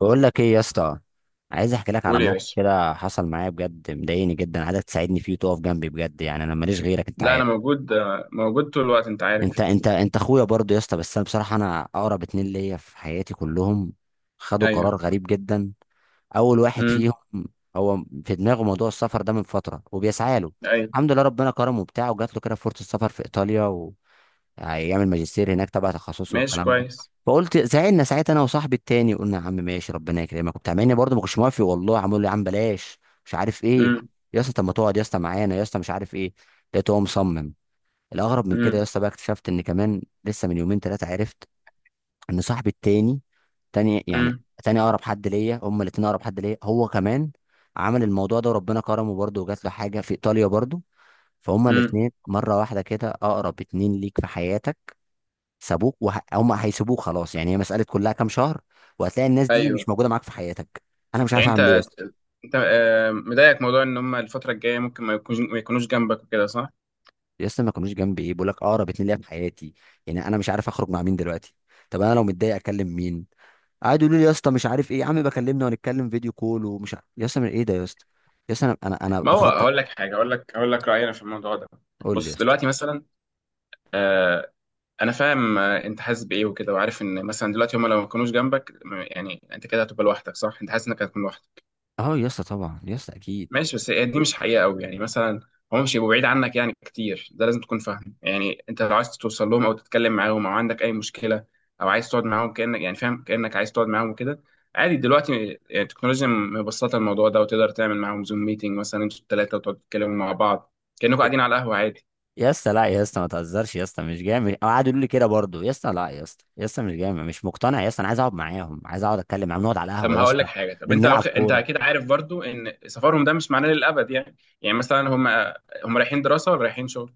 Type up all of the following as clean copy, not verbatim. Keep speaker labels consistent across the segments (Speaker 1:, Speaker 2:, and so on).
Speaker 1: بقول لك ايه يا اسطى؟ عايز احكي لك على
Speaker 2: قول يا
Speaker 1: موقف
Speaker 2: باشا.
Speaker 1: كده حصل معايا، بجد مضايقني جدا، عايزك تساعدني فيه وتقف جنبي بجد، يعني انا ماليش غيرك انت
Speaker 2: لا، انا
Speaker 1: عارف.
Speaker 2: موجود، موجود طول الوقت انت عارف
Speaker 1: انت
Speaker 2: يعني.
Speaker 1: انت انت اخويا برضه يا اسطى، بس انا بصراحه انا اقرب اتنين ليا في حياتي كلهم خدوا قرار
Speaker 2: ايوه.
Speaker 1: غريب جدا. اول واحد
Speaker 2: امم.
Speaker 1: فيهم هو في دماغه موضوع السفر ده من فتره وبيسعى له،
Speaker 2: ايوه،
Speaker 1: الحمد لله ربنا كرمه وبتاعه وجات له كده فرصه سفر في ايطاليا، هيعمل ماجستير هناك تبع تخصصه
Speaker 2: ماشي
Speaker 1: والكلام ده.
Speaker 2: كويس.
Speaker 1: فقلت زعلنا ساعتها انا وصاحبي التاني، قلنا يا عم ماشي ربنا يكرمك وبتاع، مع اني برضه ما كنتش موافق والله، عمال يقول لي يا عم بلاش مش عارف ايه
Speaker 2: امم.
Speaker 1: يا اسطى، طب ما تقعد يا اسطى معانا يا اسطى مش عارف ايه. لقيته هو مصمم. الاغرب من كده
Speaker 2: امم.
Speaker 1: يا اسطى بقى، اكتشفت ان كمان لسه من يومين ثلاثه عرفت ان صاحبي التاني، تاني يعني،
Speaker 2: امم.
Speaker 1: تاني اقرب حد ليا، هما الاتنين اقرب حد ليا، هو كمان عمل الموضوع ده وربنا كرمه برضه وجات له حاجه في ايطاليا برضه. فهما
Speaker 2: امم.
Speaker 1: الاتنين مره واحده كده، اقرب اتنين ليك في حياتك سابوك وهم هيسيبوك خلاص، يعني هي مساله كلها كام شهر وهتلاقي الناس دي
Speaker 2: ايوه.
Speaker 1: مش موجوده معاك في حياتك. انا مش عارف
Speaker 2: يعني انت
Speaker 1: اعمل ايه يا اسطى.
Speaker 2: انت مضايقك موضوع ان هم الفتره الجايه ممكن ما يكونوش جنبك وكده، صح؟
Speaker 1: يا اسطى ما كانوش جنبي ايه، بقول لك اقرب اتنين ليا في حياتي. يعني انا مش عارف اخرج مع مين دلوقتي، طب انا لو متضايق اكلم مين؟ قعدوا يقولوا لي يا اسطى مش عارف ايه يا عم بكلمنا ونتكلم فيديو كول ومش عارف يا اسطى من ايه ده يا اسطى. يا اسطى انا
Speaker 2: ما هو
Speaker 1: بخطط.
Speaker 2: هقول لك حاجه، هقول لك رايي انا في الموضوع ده.
Speaker 1: قول لي يا
Speaker 2: بص
Speaker 1: اسطى.
Speaker 2: دلوقتي مثلا، آه، انا فاهم انت حاسس بايه وكده، وعارف ان مثلا دلوقتي هم لو ما يكونوش جنبك، يعني انت كده هتبقى لوحدك، صح؟ انت حاسس انك هتكون لوحدك.
Speaker 1: اه يا اسطى طبعا يا اسطى اكيد.
Speaker 2: ماشي، بس هي دي مش حقيقة قوي، يعني مثلا هم مش هيبقوا بعيد عنك يعني كتير، ده لازم تكون فاهم. يعني انت لو عايز توصل لهم او تتكلم معاهم او عندك اي مشكلة او عايز تقعد معاهم كأنك، يعني فاهم، كأنك عايز تقعد معاهم وكده، عادي دلوقتي. يعني التكنولوجيا مبسطة الموضوع ده، وتقدر تعمل معاهم زوم ميتنج مثلا انتوا الثلاثة، وتقعدوا تتكلموا مع بعض كأنكم قاعدين على القهوة عادي.
Speaker 1: يا اسطى لا يا اسطى ما تهزرش يا اسطى، مش جامد. أو قعدوا يقولوا لي كده برضه، يا اسطى لا يا اسطى يا اسطى مش جامد، مش مقتنع يا اسطى، انا عايز اقعد معاهم، عايز اقعد اتكلم معاهم، نقعد على
Speaker 2: طب
Speaker 1: القهوه
Speaker 2: ما
Speaker 1: يا
Speaker 2: هقول
Speaker 1: اسطى،
Speaker 2: لك حاجة، طب انت،
Speaker 1: نلعب
Speaker 2: انت
Speaker 1: كوره.
Speaker 2: اكيد عارف برضو ان سفرهم ده مش معناه للأبد يعني. يعني مثلا هم رايحين دراسة ولا رايحين شغل؟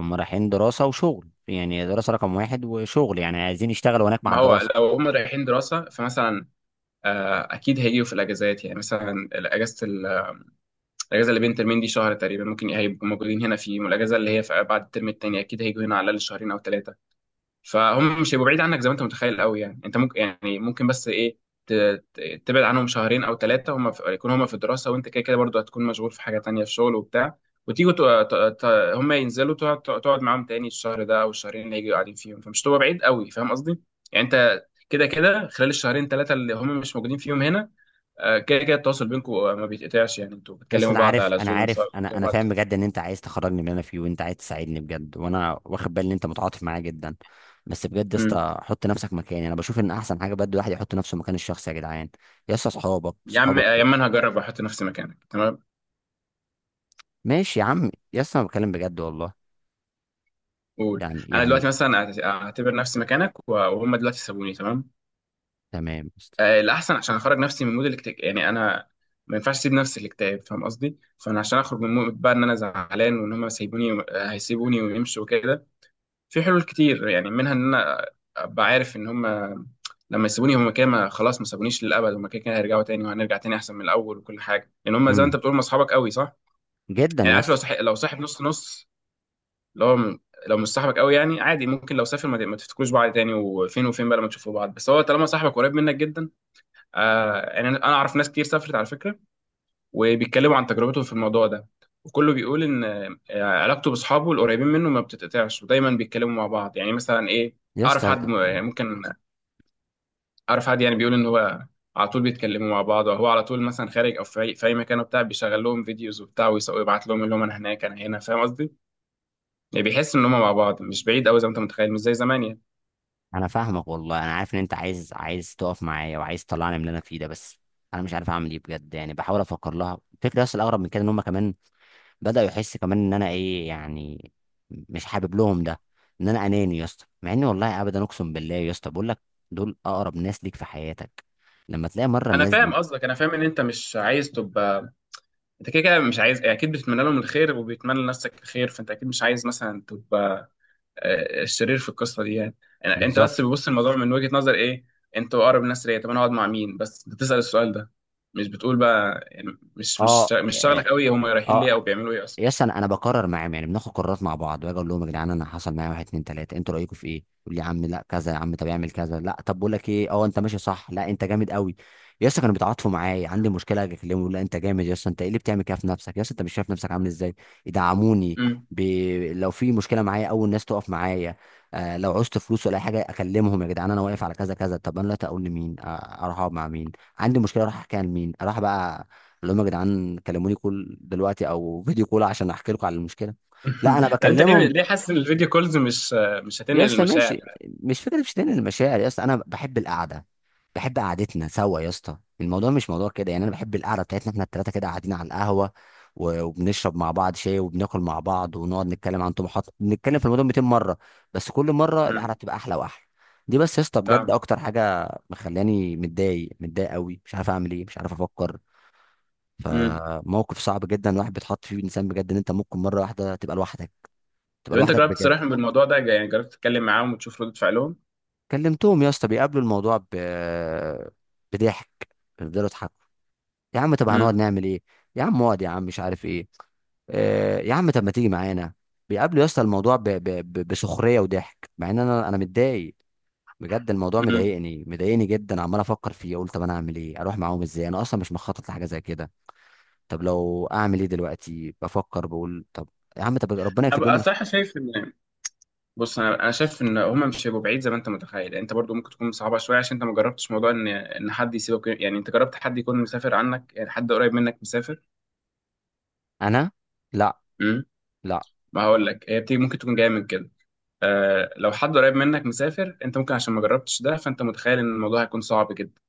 Speaker 1: هم رايحين دراسه وشغل، يعني دراسه رقم واحد وشغل يعني عايزين يشتغلوا هناك مع
Speaker 2: ما هو
Speaker 1: الدراسه.
Speaker 2: لو هم رايحين دراسة فمثلا اكيد هيجوا في الاجازات، يعني مثلا الاجازه الاجازه اللي بين ترمين دي شهر تقريبا، ممكن هيبقوا موجودين هنا في يوم. الاجازه اللي هي في بعد الترم التاني اكيد هيجوا هنا على الاقل شهرين او ثلاثه. فهم مش هيبقوا بعيد عنك زي ما انت متخيل قوي يعني، انت ممكن، يعني ممكن بس ايه، ت- تبعد عنهم شهرين او ثلاثه، هم في... يكون هم في الدراسه وانت كده كده برضه هتكون مشغول في حاجه تانيه في شغل وبتاع، وتيجوا، هم ينزلوا، تقعد معاهم تاني الشهر ده او الشهرين اللي هيجوا قاعدين فيهم، فمش تبقى بعيد قوي، فاهم قصدي؟ يعني انت كده كده خلال الشهرين ثلاثه اللي هم مش موجودين فيهم هنا، كده كده التواصل بينكم ما بيتقطعش، يعني انتوا
Speaker 1: يا اسطى
Speaker 2: بتكلموا
Speaker 1: انا
Speaker 2: بعض
Speaker 1: عارف،
Speaker 2: على
Speaker 1: انا
Speaker 2: زوم سواء
Speaker 1: عارف، انا
Speaker 2: بتكلموا
Speaker 1: انا
Speaker 2: بعض.
Speaker 1: فاهم بجد ان انت عايز تخرجني من اللي انا فيه وانت عايز تساعدني بجد، وانا واخد بالي ان انت متعاطف معايا جدا. بس بجد يا
Speaker 2: امم.
Speaker 1: اسطى حط نفسك مكاني، انا بشوف ان احسن حاجه بجد الواحد يحط نفسه مكان الشخص يا جدعان. يا اسطى صحابك
Speaker 2: يا عم،
Speaker 1: صحابك
Speaker 2: انا هجرب واحط نفسي مكانك، تمام.
Speaker 1: ماشي يا عم يا اسطى، انا بتكلم بجد والله.
Speaker 2: قول.
Speaker 1: يعني
Speaker 2: انا دلوقتي
Speaker 1: يعني
Speaker 2: مثلا، اعتبر نفسي مكانك، وهم دلوقتي سابوني، تمام.
Speaker 1: تمام يا اسطى.
Speaker 2: الاحسن عشان اخرج نفسي من مود الاكتئاب، يعني انا ما ينفعش اسيب نفسي الاكتئاب، فاهم قصدي؟ فانا عشان اخرج من مود بقى ان انا زعلان وان هم سايبوني، هيسيبوني ويمشوا وكده، في حلول كتير، يعني منها ان انا ابقى عارف ان هم لما يسيبوني هم كده، خلاص ما سابونيش للابد، هم كده كده هيرجعوا تاني وهنرجع تاني احسن من الاول وكل حاجه، لان هم زي ما انت
Speaker 1: امم.
Speaker 2: بتقول هم اصحابك قوي، صح؟
Speaker 1: جدا
Speaker 2: يعني
Speaker 1: يا
Speaker 2: عارف، لو
Speaker 1: اسطى.
Speaker 2: صح... لو صاحب نص نص، لو م- لو مش صاحبك قوي يعني عادي ممكن لو سافر ما، ما تفتكروش بعض تاني، وفين وفين بقى لما تشوفوا بعض، بس هو طالما صاحبك قريب منك جدا. يعني انا اعرف ناس كتير سافرت على فكره، وبيتكلموا عن تجربتهم في الموضوع ده، وكله بيقول ان علاقته باصحابه القريبين منه ما بتتقطعش، ودايما بيتكلموا مع بعض يعني. مثلا ايه،
Speaker 1: يا
Speaker 2: اعرف
Speaker 1: اسطى
Speaker 2: حد ممكن اعرف حد يعني بيقول ان هو على طول بيتكلموا مع بعض، وهو على طول مثلا خارج او في في أي مكان وبتاع، بيشغل لهم فيديوز وبتاع، ويبعت لهم اللي هم انا هناك انا هنا، فاهم قصدي؟ يعني بيحس ان هم مع بعض مش بعيد قوي زي ما انت متخيل، مش زي زمان يعني.
Speaker 1: انا فاهمك والله، انا عارف ان انت عايز تقف معايا وعايز تطلعني من اللي انا فيه ده، بس انا مش عارف اعمل ايه بجد، يعني بحاول افكر لها الفكره يا اسطى. الاغرب من كده ان هم كمان بداوا يحس كمان ان انا ايه يعني، مش حابب لهم ده، ان انا اناني يا اسطى، مع اني والله ابدا اقسم بالله. يا اسطى بقول لك دول اقرب ناس ليك في حياتك، لما تلاقي مره
Speaker 2: انا
Speaker 1: الناس
Speaker 2: فاهم
Speaker 1: دي.
Speaker 2: قصدك، انا فاهم ان انت مش عايز تبقى، انت كده كده مش عايز، اكيد بتتمنى لهم الخير وبيتمنى لنفسك الخير، فانت اكيد مش عايز مثلا تبقى الشرير في القصه دي يعني. انت بس
Speaker 1: بالظبط.
Speaker 2: بتبص الموضوع من وجهه نظر ايه، انتوا اقرب الناس ليا، طب انا اقعد مع مين؟ بس انت بتسال السؤال ده، مش بتقول بقى يعني
Speaker 1: اه.
Speaker 2: مش شغلك قوي هم رايحين
Speaker 1: اه.
Speaker 2: ليه او بيعملوا ايه اصلا.
Speaker 1: يس، انا انا بقرر معاهم، يعني بناخد قرارات مع بعض، باجي اقول لهم يا جدعان انا حصل معايا واحد اتنين تلاته، انتوا رايكم في ايه؟ يقول لي يا عم لا كذا، يا عم طب اعمل كذا، لا طب بقول لك ايه، اه انت ماشي صح، لا انت جامد قوي. يس كانوا بيتعاطفوا معايا، عندي مشكله اجي اكلمهم يقول لا انت جامد، يس انت ايه اللي بتعمل كده في نفسك، يس انت مش شايف نفسك عامل ازاي؟ يدعموني
Speaker 2: امم.
Speaker 1: ب... لو في مشكله معايا اول ناس تقف معايا. آه لو عوزت فلوس ولا اي حاجه اكلمهم يا جدعان انا واقف على كذا كذا. طب انا دلوقتي اقول لمين؟ آه اروح اقعد مع مين؟ عندي مشكله اروح احكيها لمين؟ اروح بقى اللي هم يا جدعان كلموني كل دلوقتي او فيديو كول عشان احكي لكم على المشكله. لا انا
Speaker 2: طب انت ليه،
Speaker 1: بكلمهم
Speaker 2: حاسس ان الفيديو كولز مش، مش
Speaker 1: يا
Speaker 2: هتنقل
Speaker 1: اسطى
Speaker 2: المشاعر؟
Speaker 1: ماشي، مش فكره مش تاني المشاعر يا اسطى، انا بحب القعده، بحب قعدتنا سوا يا اسطى، الموضوع مش موضوع كده يعني، انا بحب القعده بتاعتنا احنا الثلاثه كده قاعدين على القهوه وبنشرب مع بعض شاي وبناكل مع بعض ونقعد نتكلم عن طموحات، بنتكلم في الموضوع 200 مره بس كل مره القعده
Speaker 2: امم.
Speaker 1: بتبقى احلى واحلى. دي بس يا اسطى بجد
Speaker 2: فاهم.
Speaker 1: اكتر حاجه مخلاني متضايق، متضايق قوي، مش عارف اعمل ايه، مش عارف افكر.
Speaker 2: امم.
Speaker 1: فموقف صعب جدا الواحد بيتحط فيه، انسان بجد ان انت ممكن مره واحده تبقى لوحدك، تبقى
Speaker 2: طب انت
Speaker 1: لوحدك
Speaker 2: جربت
Speaker 1: بجد.
Speaker 2: تصارحهم بالموضوع ده؟ يعني جربت تتكلم معاهم وتشوف ردة فعلهم؟
Speaker 1: كلمتهم يا اسطى، بيقابلوا الموضوع بضحك، بيفضلوا يضحكوا، يا عم طب هنقعد
Speaker 2: امم.
Speaker 1: نعمل ايه، يا عم اقعد يا عم مش عارف ايه، يا عم طب ما تيجي معانا. بيقابلوا يا اسطى الموضوع بسخريه وضحك، مع ان انا متضايق بجد، الموضوع
Speaker 2: امم.
Speaker 1: مضايقني، مضايقني جدا، عمال افكر فيه اقول طب انا اعمل ايه، اروح معاهم ازاي، انا اصلا مش مخطط لحاجه زي كده. طب لو اعمل ايه دلوقتي بفكر بقول طب، يا عم طب ربنا
Speaker 2: انا
Speaker 1: يكتب لهم.
Speaker 2: بقى صراحه شايف ان، بص، انا شايف ان هما مش هيبقوا بعيد زي ما انت متخيل. انت برضو ممكن تكون صعبه شويه عشان انت ما جربتش موضوع ان حد يسيبك، يعني انت جربت حد يكون مسافر عنك؟ يعني حد قريب منك مسافر؟
Speaker 1: انا. لا
Speaker 2: امم.
Speaker 1: لا.
Speaker 2: ما هقول لك، هي بتيجي ممكن تكون جايه من كده. لو حد قريب منك مسافر انت ممكن عشان ما جربتش ده، فانت متخيل ان الموضوع هيكون صعب جدا.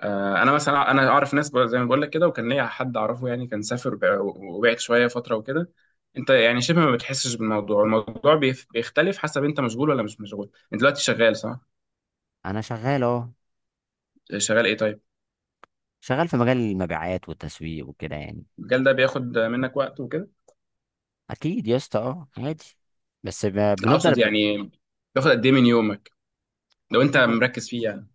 Speaker 2: انا مثلا، انا اعرف ناس، زي ما بقول لك كده، وكان ليا حد اعرفه، يعني كان سافر، وبعد شويه فتره وكده، انت يعني شبه ما بتحسش بالموضوع. الموضوع بيختلف حسب انت مشغول ولا مش مشغول. انت دلوقتي شغال، صح؟
Speaker 1: انا شغال اه.
Speaker 2: شغال ايه، طيب؟
Speaker 1: شغال في مجال المبيعات والتسويق وكده يعني.
Speaker 2: المجال ده بياخد منك وقت وكده؟
Speaker 1: اكيد يا اسطى اه عادي. بس ب-
Speaker 2: لا،
Speaker 1: بنفضل
Speaker 2: اقصد
Speaker 1: ب-
Speaker 2: يعني بياخد قد ايه من يومك لو انت
Speaker 1: بياخد
Speaker 2: مركز فيه يعني؟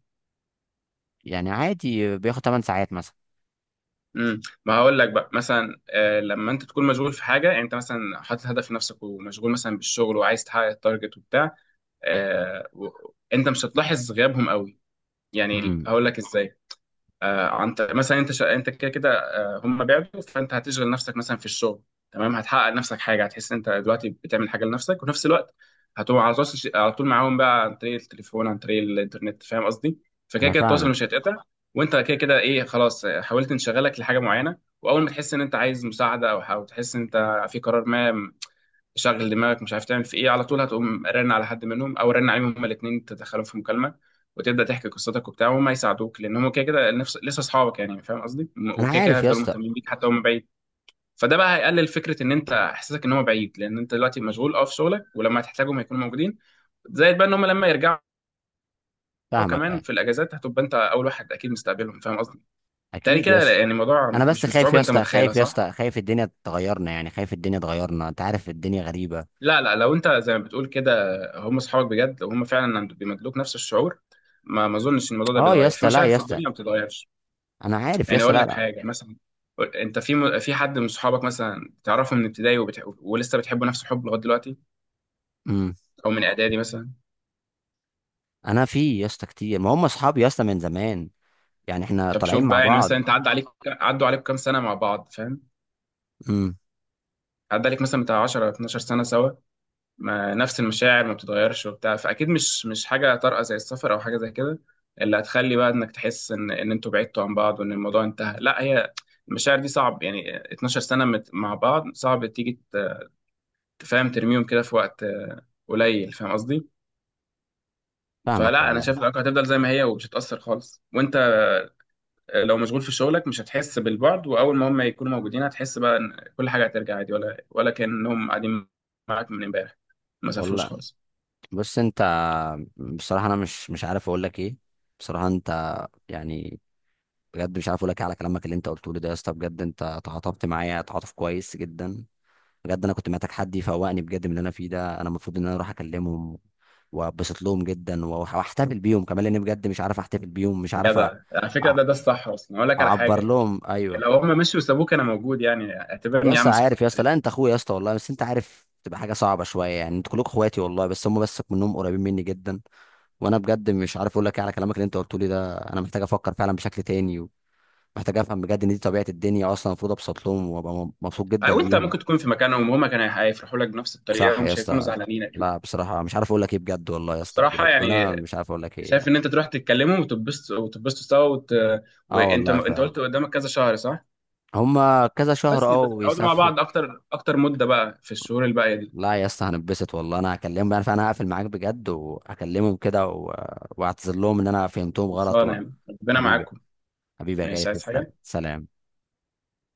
Speaker 1: يعني عادي بياخد 8 ساعات مثلا.
Speaker 2: امم. ما هقول لك بقى مثلا، لما انت تكون مشغول في حاجه، يعني انت مثلا حاطط هدف لنفسك ومشغول مثلا بالشغل وعايز تحقق التارجت وبتاع، آه و... انت مش هتلاحظ غيابهم قوي. يعني
Speaker 1: امم.
Speaker 2: هقول لك ازاي، انت مثلا انت، انت كده كده، هم بعدوا، فانت هتشغل نفسك مثلا في الشغل، تمام. هتحقق لنفسك حاجه، هتحس ان انت دلوقتي بتعمل حاجه لنفسك، وفي نفس الوقت هتبقى على تواصل، على طول معاهم بقى عن طريق التليفون، عن طريق الانترنت، فاهم قصدي؟ فكده
Speaker 1: انا
Speaker 2: كده التواصل
Speaker 1: فاهمك.
Speaker 2: مش هيتقطع. وانت كده كده ايه، خلاص، حاولت انشغلك لحاجه معينه، واول ما تحس ان انت عايز مساعده، او تحس ان انت في قرار ما، شغل دماغك مش عارف تعمل في ايه، على طول هتقوم رن على حد منهم او رن عليهم هما الاثنين، تدخلهم في مكالمه وتبدا تحكي قصتك وبتاع، وهم هيساعدوك، لان هم كده كده نفس لسه اصحابك يعني، فاهم قصدي؟
Speaker 1: انا
Speaker 2: وكده كده
Speaker 1: عارف يا
Speaker 2: هيفضلوا
Speaker 1: اسطى.
Speaker 2: مهتمين بيك حتى هم بعيد. فده بقى هيقلل فكره ان انت احساسك ان هم بعيد، لان انت دلوقتي مشغول في شغلك، ولما هتحتاجهم هيكونوا موجودين. زائد بقى ان هم لما يرجعوا
Speaker 1: فاهمك
Speaker 2: كمان
Speaker 1: يعني.
Speaker 2: في الاجازات، هتبقى انت اول واحد اكيد مستقبلهم، فاهم قصدي؟ تالي
Speaker 1: اكيد
Speaker 2: كده
Speaker 1: يا اسطى.
Speaker 2: يعني الموضوع
Speaker 1: انا بس
Speaker 2: مش
Speaker 1: خايف
Speaker 2: بالصعوبه
Speaker 1: يا
Speaker 2: انت
Speaker 1: اسطى،
Speaker 2: متخيلها،
Speaker 1: خايف يا
Speaker 2: صح؟
Speaker 1: اسطى، خايف الدنيا تغيرنا، يعني خايف الدنيا تغيرنا، انت عارف الدنيا غريبة.
Speaker 2: لا لا، لو انت زي ما بتقول كده، هم اصحابك بجد، لو هم فعلا، بيمدلوك نفس الشعور، ما ما اظنش ان الموضوع ده
Speaker 1: اه يا
Speaker 2: بيتغير في
Speaker 1: اسطى لا
Speaker 2: مشاعر
Speaker 1: يا
Speaker 2: في،
Speaker 1: اسطى،
Speaker 2: الدنيا ما بتتغيرش.
Speaker 1: انا عارف يا
Speaker 2: يعني
Speaker 1: اسطى،
Speaker 2: اقول
Speaker 1: لا
Speaker 2: لك
Speaker 1: لا.
Speaker 2: حاجه مثلا، انت في، في حد من صحابك مثلا تعرفه من ابتدائي، ولسه بتحبه نفس الحب لغايه دلوقتي،
Speaker 1: امم.
Speaker 2: او من اعدادي مثلا؟
Speaker 1: انا في يا اسطى كتير، ما هم اصحابي يا اسطى من زمان، يعني احنا
Speaker 2: طب
Speaker 1: طالعين
Speaker 2: شوف
Speaker 1: مع
Speaker 2: بقى، يعني مثلا
Speaker 1: بعض.
Speaker 2: انت، عدى عليك عدوا عليك كام سنه مع بعض، فاهم؟
Speaker 1: امم.
Speaker 2: عدى عليك مثلا بتاع 10 12 سنه سوا، ما نفس المشاعر ما بتتغيرش وبتاع، فاكيد مش حاجه طارئه زي السفر او حاجه زي كده اللي هتخلي بقى انك تحس ان انتوا بعدتوا عن بعض وان الموضوع انتهى، لا. هي المشاعر دي صعب، يعني 12 سنه، مع بعض صعب تيجي، تفهم ترميهم كده في وقت، قليل، فاهم قصدي؟
Speaker 1: فاهمك
Speaker 2: فلا، انا
Speaker 1: والله.
Speaker 2: شايف العلاقه هتفضل زي ما هي ومش هتاثر خالص، وانت، لو مشغول في شغلك مش هتحس بالبعد، واول ما هم يكونوا موجودين هتحس بقى ان كل حاجه هترجع عادي، ولا كانهم قاعدين معاك من امبارح، ما سافروش
Speaker 1: والله.
Speaker 2: خالص.
Speaker 1: بص انت، بصراحه انا مش عارف اقول لك ايه، بصراحه انت، يعني، بجد مش عارف اقول لك ايه على كلامك اللي انت قلته لي ده يا اسطى، بجد انت تعاطفت معايا تعاطف كويس جدا. بجد انا كنت محتاج حد يفوقني بجد من اللي انا فيه ده، انا المفروض ان انا اروح اكلمهم وابسط لهم جدا، واحتفل بيهم كمان، لان بجد مش عارف احتفل بيهم، مش عارف
Speaker 2: جدع، على فكرة،
Speaker 1: أع-
Speaker 2: ده الصح أصلا. أقول لك على حاجة
Speaker 1: اعبر
Speaker 2: يا جدع،
Speaker 1: لهم ايوه.
Speaker 2: لو هم مشوا وسابوك أنا موجود يعني،
Speaker 1: يا
Speaker 2: اعتبرني يا
Speaker 1: اسطى
Speaker 2: عم
Speaker 1: عارف
Speaker 2: صاحبك
Speaker 1: يا اسطى، لا
Speaker 2: التاني.
Speaker 1: انت اخويا يا اسطى والله، بس انت عارف تبقى حاجه صعبه شويه يعني، انتوا كلكم اخواتي والله، بس هم بس منهم قريبين مني جدا. وانا بجد مش عارف اقول لك ايه على كلامك اللي انت قلته لي ده، انا محتاج افكر فعلا بشكل تاني، ومحتاج افهم بجد ان دي طبيعه الدنيا اصلا، المفروض ابسط لهم وابقى مبسوط جدا
Speaker 2: أو أنت
Speaker 1: ليهم.
Speaker 2: ممكن تكون في مكانهم، وهم كانوا هيفرحوا لك بنفس الطريقة،
Speaker 1: صح يا
Speaker 2: ومش هيكونوا
Speaker 1: اسطى.
Speaker 2: زعلانين أكيد.
Speaker 1: لا بصراحه مش عارف اقول لك ايه بجد والله يا اسطى،
Speaker 2: بصراحة
Speaker 1: ربنا،
Speaker 2: يعني،
Speaker 1: مش عارف اقول لك ايه
Speaker 2: شايف
Speaker 1: يعني.
Speaker 2: إن أنت تروح تتكلموا وتتبسطوا وتتبسطوا سوا وت...
Speaker 1: اه والله
Speaker 2: أنت
Speaker 1: فعلا.
Speaker 2: قلت قدامك كذا شهر، صح؟
Speaker 1: هم. كذا شهر اه
Speaker 2: بس اقعدوا مع
Speaker 1: ويسافروا.
Speaker 2: بعض أكتر أكتر مدة بقى في الشهور الباقية دي.
Speaker 1: لا يا اسطى هنبسط والله، انا هكلمهم بقى، فانا هقفل معاك بجد وهكلمهم كده، و... واعتذر لهم ان انا فهمتهم غلط.
Speaker 2: خلصانة
Speaker 1: و...
Speaker 2: يعني. ربنا
Speaker 1: حبيبي،
Speaker 2: معاكم.
Speaker 1: حبيبي يا غالي،
Speaker 2: مش عايز
Speaker 1: تسلم،
Speaker 2: حاجة.
Speaker 1: سلام.